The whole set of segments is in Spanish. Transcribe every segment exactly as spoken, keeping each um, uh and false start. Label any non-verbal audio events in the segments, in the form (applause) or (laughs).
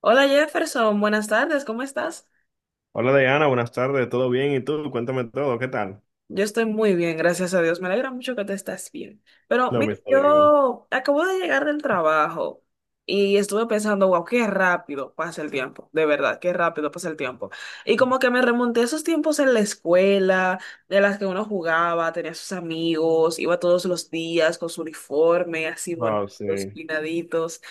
Hola Jefferson, buenas tardes, ¿cómo estás? Hola Diana, buenas tardes, ¿todo bien? ¿Y tú? Cuéntame todo, ¿qué tal? Yo estoy muy bien, gracias a Dios. Me alegra mucho que te estás bien. Pero Lo mira, mismo, digo. yo acabo de llegar del trabajo y estuve pensando, wow, qué rápido pasa el tiempo, de verdad, qué rápido pasa el tiempo. Y como que me remonté a esos tiempos en la escuela, de las que uno jugaba, tenía sus amigos, iba todos los días con su uniforme, así Wow, bonitos, sí. peinaditos.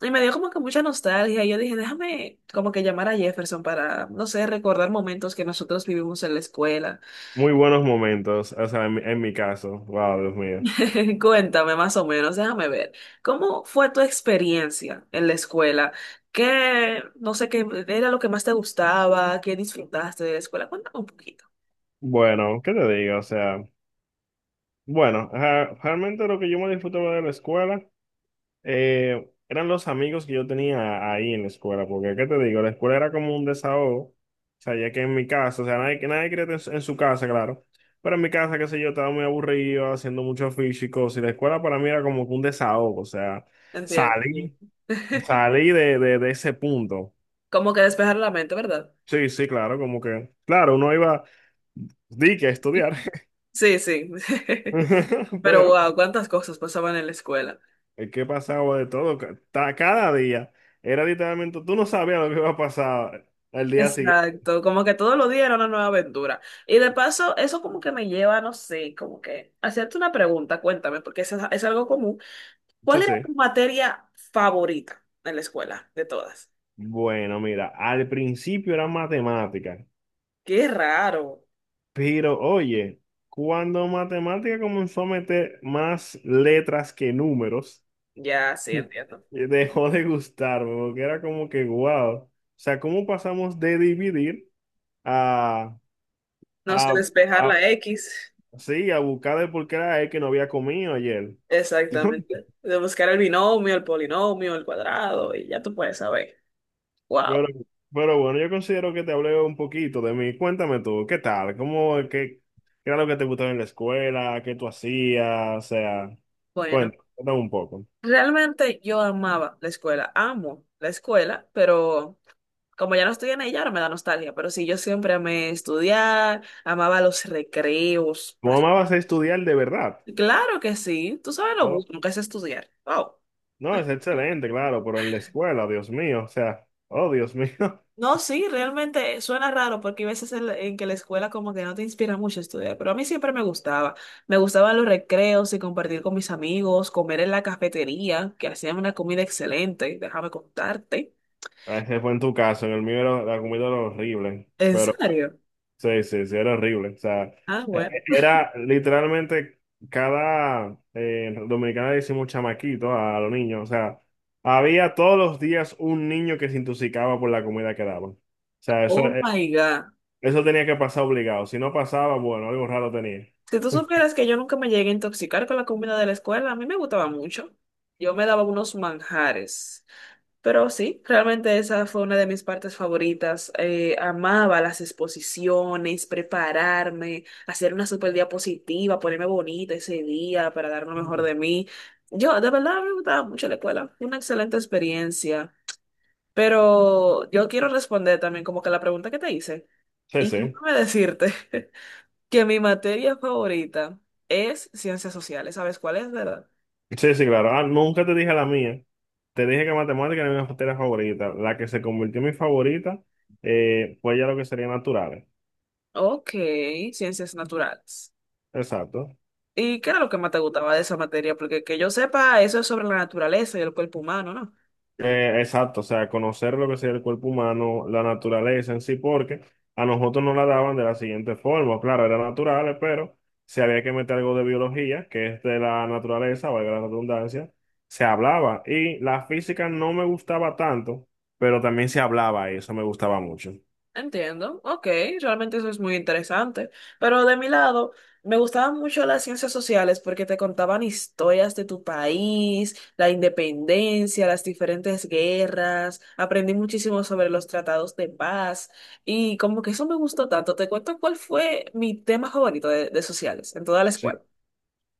Y me dio como que mucha nostalgia. Y yo dije, déjame como que llamar a Jefferson para, no sé, recordar momentos que nosotros vivimos en la escuela. Muy buenos momentos, o sea, en, mi en mi caso. Wow, Dios mío. (laughs) Cuéntame más o menos, déjame ver. ¿Cómo fue tu experiencia en la escuela? ¿Qué, no sé, qué era lo que más te gustaba? ¿Qué disfrutaste de la escuela? Cuéntame un poquito. Bueno, ¿qué te digo? O sea, bueno, ajá, realmente lo que yo me disfrutaba de la escuela. Eh, eran los amigos que yo tenía ahí en la escuela, porque, ¿qué te digo? La escuela era como un desahogo, o sea, ya que en mi casa, o sea, nadie, nadie quería estar en, su en su casa, claro, pero en mi casa, qué sé yo, estaba muy aburrido, haciendo mucho físico y la escuela para mí era como que un desahogo, o sea, Entiendo. salí, (laughs) salí de, de, de ese punto. Como que despejar la mente, ¿verdad? Sí, sí, claro, como que, claro, uno iba, di que a estudiar, Sí, sí. (laughs) (laughs) Pero pero wow, cuántas cosas pasaban en la escuela. es que pasaba de todo, ca- ta- cada día, era literalmente, tú no sabías lo que iba a pasar. El día siguiente. Exacto, como que todos los días era una nueva aventura. Y de paso, eso como que me lleva, no sé, como que hacerte una pregunta, cuéntame, porque es, es algo común. Sí, ¿Cuál era tu sí. materia favorita en la escuela de todas? Bueno, mira, al principio era matemática, Qué raro. pero oye, cuando matemática comenzó a meter más letras que números, Ya, sí, entiendo. eh, dejó de gustarme, porque era como que, wow, o sea, ¿cómo pasamos de dividir a, No sé a, despejar la a- X. sí, a buscar el por qué era él que no había comido ayer? Exactamente. De buscar el binomio, el polinomio, el cuadrado, y ya tú puedes saber. Pero, Wow. pero bueno, yo considero que te hablé un poquito de mí. Cuéntame tú, ¿qué tal? ¿Cómo, qué, qué era lo que te gustaba en la escuela? ¿Qué tú hacías? O sea, Bueno, cuéntame, cuéntame un poco. realmente yo amaba la escuela. Amo la escuela, pero como ya no estoy en ella, ahora me da nostalgia. Pero sí, yo siempre amé estudiar, amaba los recreos. ¿Cómo pas- amabas estudiar de verdad? Claro que sí. Tú sabes lo Oh, bueno que es estudiar. Wow. no, es excelente, claro, pero en la escuela, Dios mío, o sea, oh, Dios mío. (laughs) No, sí, realmente suena raro porque hay veces en, la- en que la escuela como que no te inspira mucho a estudiar, pero a mí siempre me gustaba. Me gustaban los recreos y compartir con mis amigos, comer en la cafetería, que hacían una comida excelente, déjame contarte. Ese fue en tu caso, en el mío era la comida era horrible, ¿En pero serio? sí, sí, sí, era horrible. O sea, Ah, e- bueno. e- era literalmente cada eh, dominicana le decimos chamaquito a los niños. O sea, había todos los días un niño que se intoxicaba por la comida que daban. O sea, eso, Oh eh, my God. eso tenía que pasar obligado. Si no pasaba, bueno, algo raro tenía. Si tú supieras que yo nunca me llegué a intoxicar con la comida de la escuela, a mí me gustaba mucho. Yo me daba unos manjares. Pero sí, realmente esa fue una de mis partes favoritas. Eh, amaba las exposiciones, prepararme, hacer una super diapositiva, ponerme bonita ese día para dar lo mejor Mm. de mí. Yo, de verdad, me gustaba mucho la escuela. Fue una excelente experiencia. Pero yo quiero responder también como que la pregunta que te hice. Sí, Y sí. déjame decirte (laughs) que mi materia favorita es ciencias sociales. ¿Sabes cuál es, verdad? Sí, sí, claro. Ah, nunca te dije la mía. Te dije que matemática era mi materia favorita. La que se convirtió en mi favorita, eh, fue ya lo que sería naturales. Ok, ciencias naturales. Exacto. ¿Y qué era lo que más te gustaba de esa materia? Porque que yo sepa, eso es sobre la naturaleza y el cuerpo humano, ¿no? Eh, exacto, o sea, conocer lo que sería el cuerpo humano, la naturaleza en sí, porque a nosotros nos la daban de la siguiente forma, claro, eran naturales, pero si había que meter algo de biología, que es de la naturaleza, valga la redundancia, se hablaba. Y la física no me gustaba tanto, pero también se hablaba y eso me gustaba mucho. Entiendo, ok, realmente eso es muy interesante. Pero de mi lado, me gustaban mucho las ciencias sociales porque te contaban historias de tu país, la independencia, las diferentes guerras. Aprendí muchísimo sobre los tratados de paz y como que eso me gustó tanto. Te cuento cuál fue mi tema favorito de, de sociales en toda la escuela. Sí.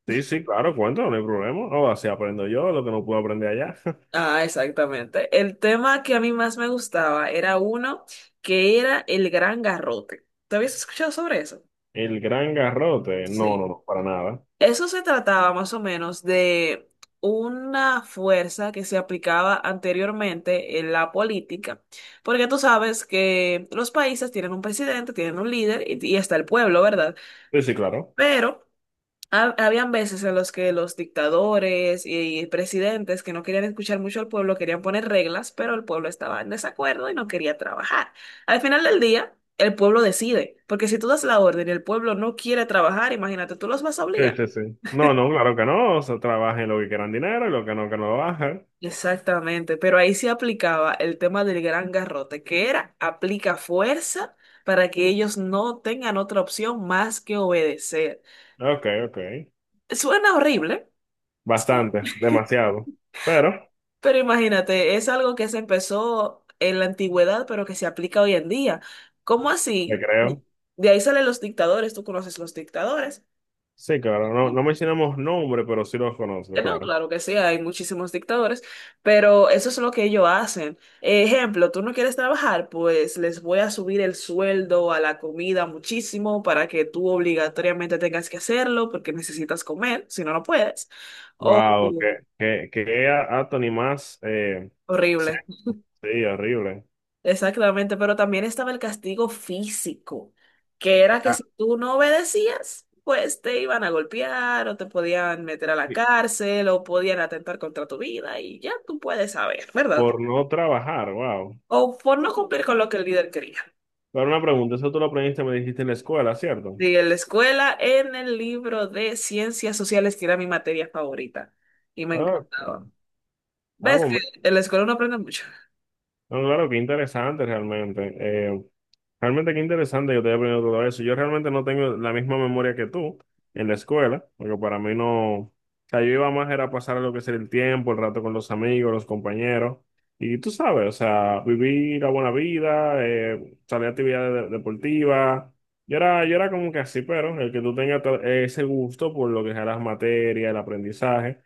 Sí, sí, claro, cuéntalo, no hay problema. O así aprendo yo lo que no puedo aprender allá. (laughs) Ah, exactamente. El tema que a mí más me gustaba era uno que era el gran garrote. ¿Te habías escuchado sobre eso? El gran garrote, no, no, Sí. no, para nada. Eso se trataba más o menos de una fuerza que se aplicaba anteriormente en la política, porque tú sabes que los países tienen un presidente, tienen un líder y, y está el pueblo, ¿verdad? Sí, sí, claro. Pero Ha- habían veces en los que los dictadores y presidentes que no querían escuchar mucho al pueblo querían poner reglas, pero el pueblo estaba en desacuerdo y no quería trabajar. Al final del día, el pueblo decide, porque si tú das la orden y el pueblo no quiere trabajar, imagínate, tú los vas a Sí, obligar. sí, sí. No, no, claro que no. O sea, trabajen lo que quieran dinero y lo que no, que no lo bajen. Exactamente, pero ahí se aplicaba el tema del gran garrote, que era aplica fuerza para que ellos no tengan otra opción más que obedecer. Ok, ok. Suena horrible. Sí. Bastante, demasiado. Pero, Pero imagínate, es algo que se empezó en la antigüedad, pero que se aplica hoy en día. ¿Cómo te así? creo. De ahí salen los dictadores, tú conoces los dictadores. Sí, claro. No, Y- no mencionamos nombre, pero sí los conozco, No, claro. claro que sí, hay muchísimos dictadores, pero eso es lo que ellos hacen. Ejemplo, tú no quieres trabajar, pues les voy a subir el sueldo a la comida muchísimo para que tú obligatoriamente tengas que hacerlo porque necesitas comer, si no, no puedes. Oh, Wow, qué, qué, qué Anthony más eh, horrible. sexy, horrible. Exactamente, pero también estaba el castigo físico, que era que Ah, si tú no obedecías, pues te iban a golpear o te podían meter a la y- cárcel o podían atentar contra tu vida y ya tú puedes saber, ¿verdad? por no trabajar, wow. O por no cumplir con lo que el líder quería. Pero una pregunta, eso tú lo aprendiste, me dijiste en la escuela, ¿cierto? Y en la escuela, en el libro de ciencias sociales, que era mi materia favorita y me encantaba. Ok. Ah, ¿Ves que bueno, en la escuela uno aprende mucho? no, claro, qué interesante realmente. Eh, Realmente qué interesante que te haya aprendido todo eso. Yo realmente no tengo la misma memoria que tú en la escuela, porque para mí no, o sea, yo iba más era a pasar lo que sería el tiempo, el rato con los amigos, los compañeros, y tú sabes, o sea, vivir la buena vida, eh, salir a actividades de- deportivas. Yo era, yo era como que así, pero el que tú tengas to- ese gusto por lo que sea las materias, el aprendizaje,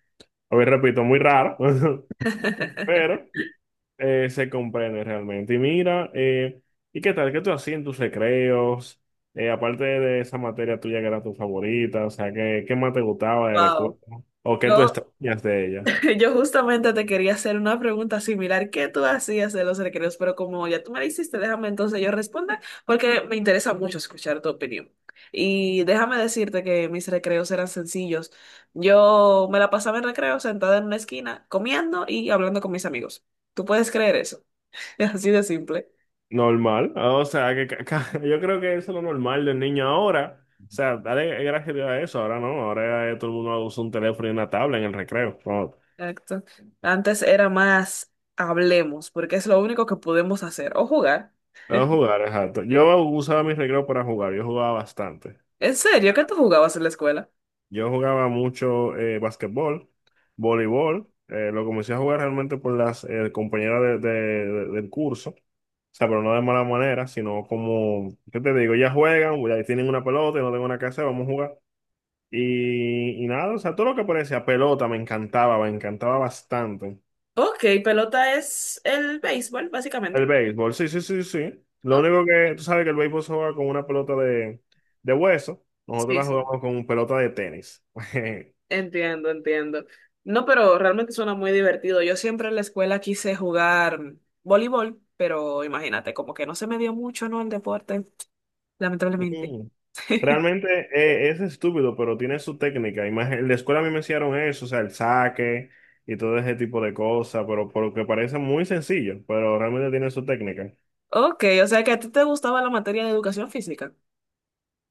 a ver, repito, muy raro, (laughs) (laughs) pero eh, se comprende realmente. Y mira, eh, ¿y qué tal? ¿Qué tú hacías en tus recreos? Eh, aparte de esa materia tuya que era tu favorita, o sea, ¿qué, qué más te gustaba de la escuela? Wow. ¿O qué tú extrañas de ella? (laughs) Yo justamente te quería hacer una pregunta similar. ¿Qué tú hacías de los recreos? Pero como ya tú me la hiciste, déjame entonces yo responder, porque me interesa mucho escuchar tu opinión. Y déjame decirte que mis recreos eran sencillos. Yo me la pasaba en recreo sentada en una esquina, comiendo y hablando con mis amigos. ¿Tú puedes creer eso? (laughs) Así de simple. Normal, o sea, que ca- ca- (laughs) yo creo que eso es lo normal del niño ahora. O sea, dale gracias a Dios a eso, ahora no, ahora eh, todo el mundo usa un teléfono y una tabla en el recreo. No, Exacto. Antes era más hablemos, porque es lo único que podemos hacer, o jugar. a jugar, exacto. Yo usaba mis recreos para jugar, yo jugaba bastante. ¿En serio? ¿Qué tú jugabas en la escuela? Yo jugaba mucho eh, basquetbol, voleibol. eh, lo comencé a jugar realmente por las eh, compañeras de- de- de- del curso. O sea, pero no de mala manera, sino como, ¿qué te digo? Ya juegan, ya tienen una pelota, yo no tengo nada que hacer, vamos a jugar. Y, y nada, o sea, todo lo que parecía pelota me encantaba, me encantaba bastante. Ok, pelota es el béisbol, El básicamente. béisbol, sí, sí, sí, sí. Lo ¿No? único que, tú sabes que el béisbol se juega con una pelota de, de hueso, nosotros Sí, la sí, jugamos con pelota de tenis. (laughs) entiendo, entiendo. No, pero realmente suena muy divertido. Yo siempre en la escuela quise jugar voleibol, pero imagínate, como que no se me dio mucho, ¿no? El deporte, lamentablemente. Mm. (laughs) Realmente eh, es estúpido, pero tiene su técnica. Imag- En la escuela a mí me enseñaron eso, o sea, el saque y todo ese tipo de cosas, pero porque parece muy sencillo, pero realmente tiene su técnica, Ok, o sea que a ti te gustaba la materia de educación física.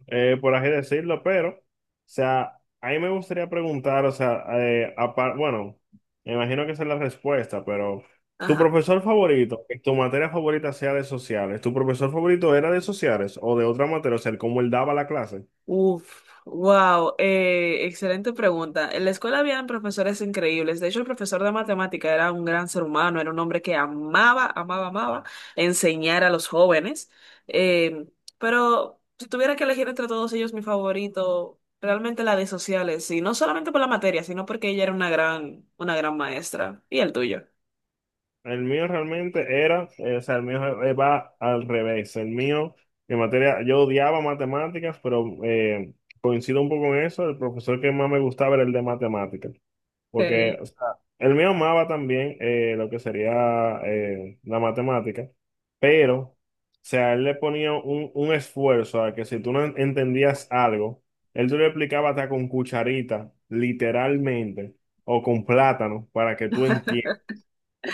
eh, por así decirlo. Pero, o sea, a mí me gustaría preguntar, o sea, eh, apar- bueno, me imagino que esa es la respuesta, pero tu Ajá. profesor favorito, que tu materia favorita sea de sociales, ¿tu profesor favorito era de sociales o de otra materia? O sea, cómo él daba la clase. Uf, wow, eh, excelente pregunta. En la escuela habían profesores increíbles. De hecho, el profesor de matemática era un gran ser humano, era un hombre que amaba, amaba, amaba enseñar a los jóvenes. Eh, pero si tuviera que elegir entre todos ellos, mi favorito, realmente la de sociales, y no solamente por la materia, sino porque ella era una gran, una gran maestra. ¿Y el tuyo? El mío realmente era, eh, o sea, el mío eh, va al revés. El mío, en materia, yo odiaba matemáticas, pero eh, coincido un poco en eso. El profesor que más me gustaba era el de matemáticas, porque, o sea, el mío amaba también eh, lo que sería eh, la matemática, pero, o sea, él le ponía un, un esfuerzo a que si tú no entendías algo, él te lo explicaba hasta con cucharita, literalmente, o con plátano, para que tú entiendas.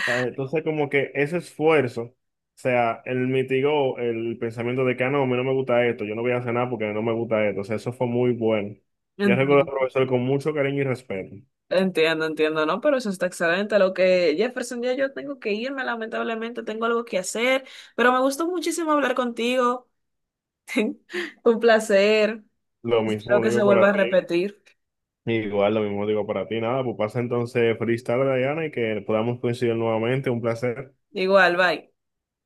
Ah, entonces, como que ese esfuerzo, o sea, él mitigó el pensamiento de que, "Ah, no, a mí no me gusta esto, yo no voy a hacer nada porque no me gusta esto". O sea, eso fue muy bueno. Yo recuerdo al Ok. profesor con mucho cariño y respeto. Entiendo, entiendo, ¿no? Pero eso está excelente. Lo que, Jefferson, ya yo tengo que irme, lamentablemente, tengo algo que hacer, pero me gustó muchísimo hablar contigo. Un placer. Lo Espero mismo que se digo vuelva para a ti, repetir. igual lo mismo digo para ti. Nada, pues pasa entonces freestyle, Diana, y que podamos coincidir nuevamente. Un placer. Igual, bye.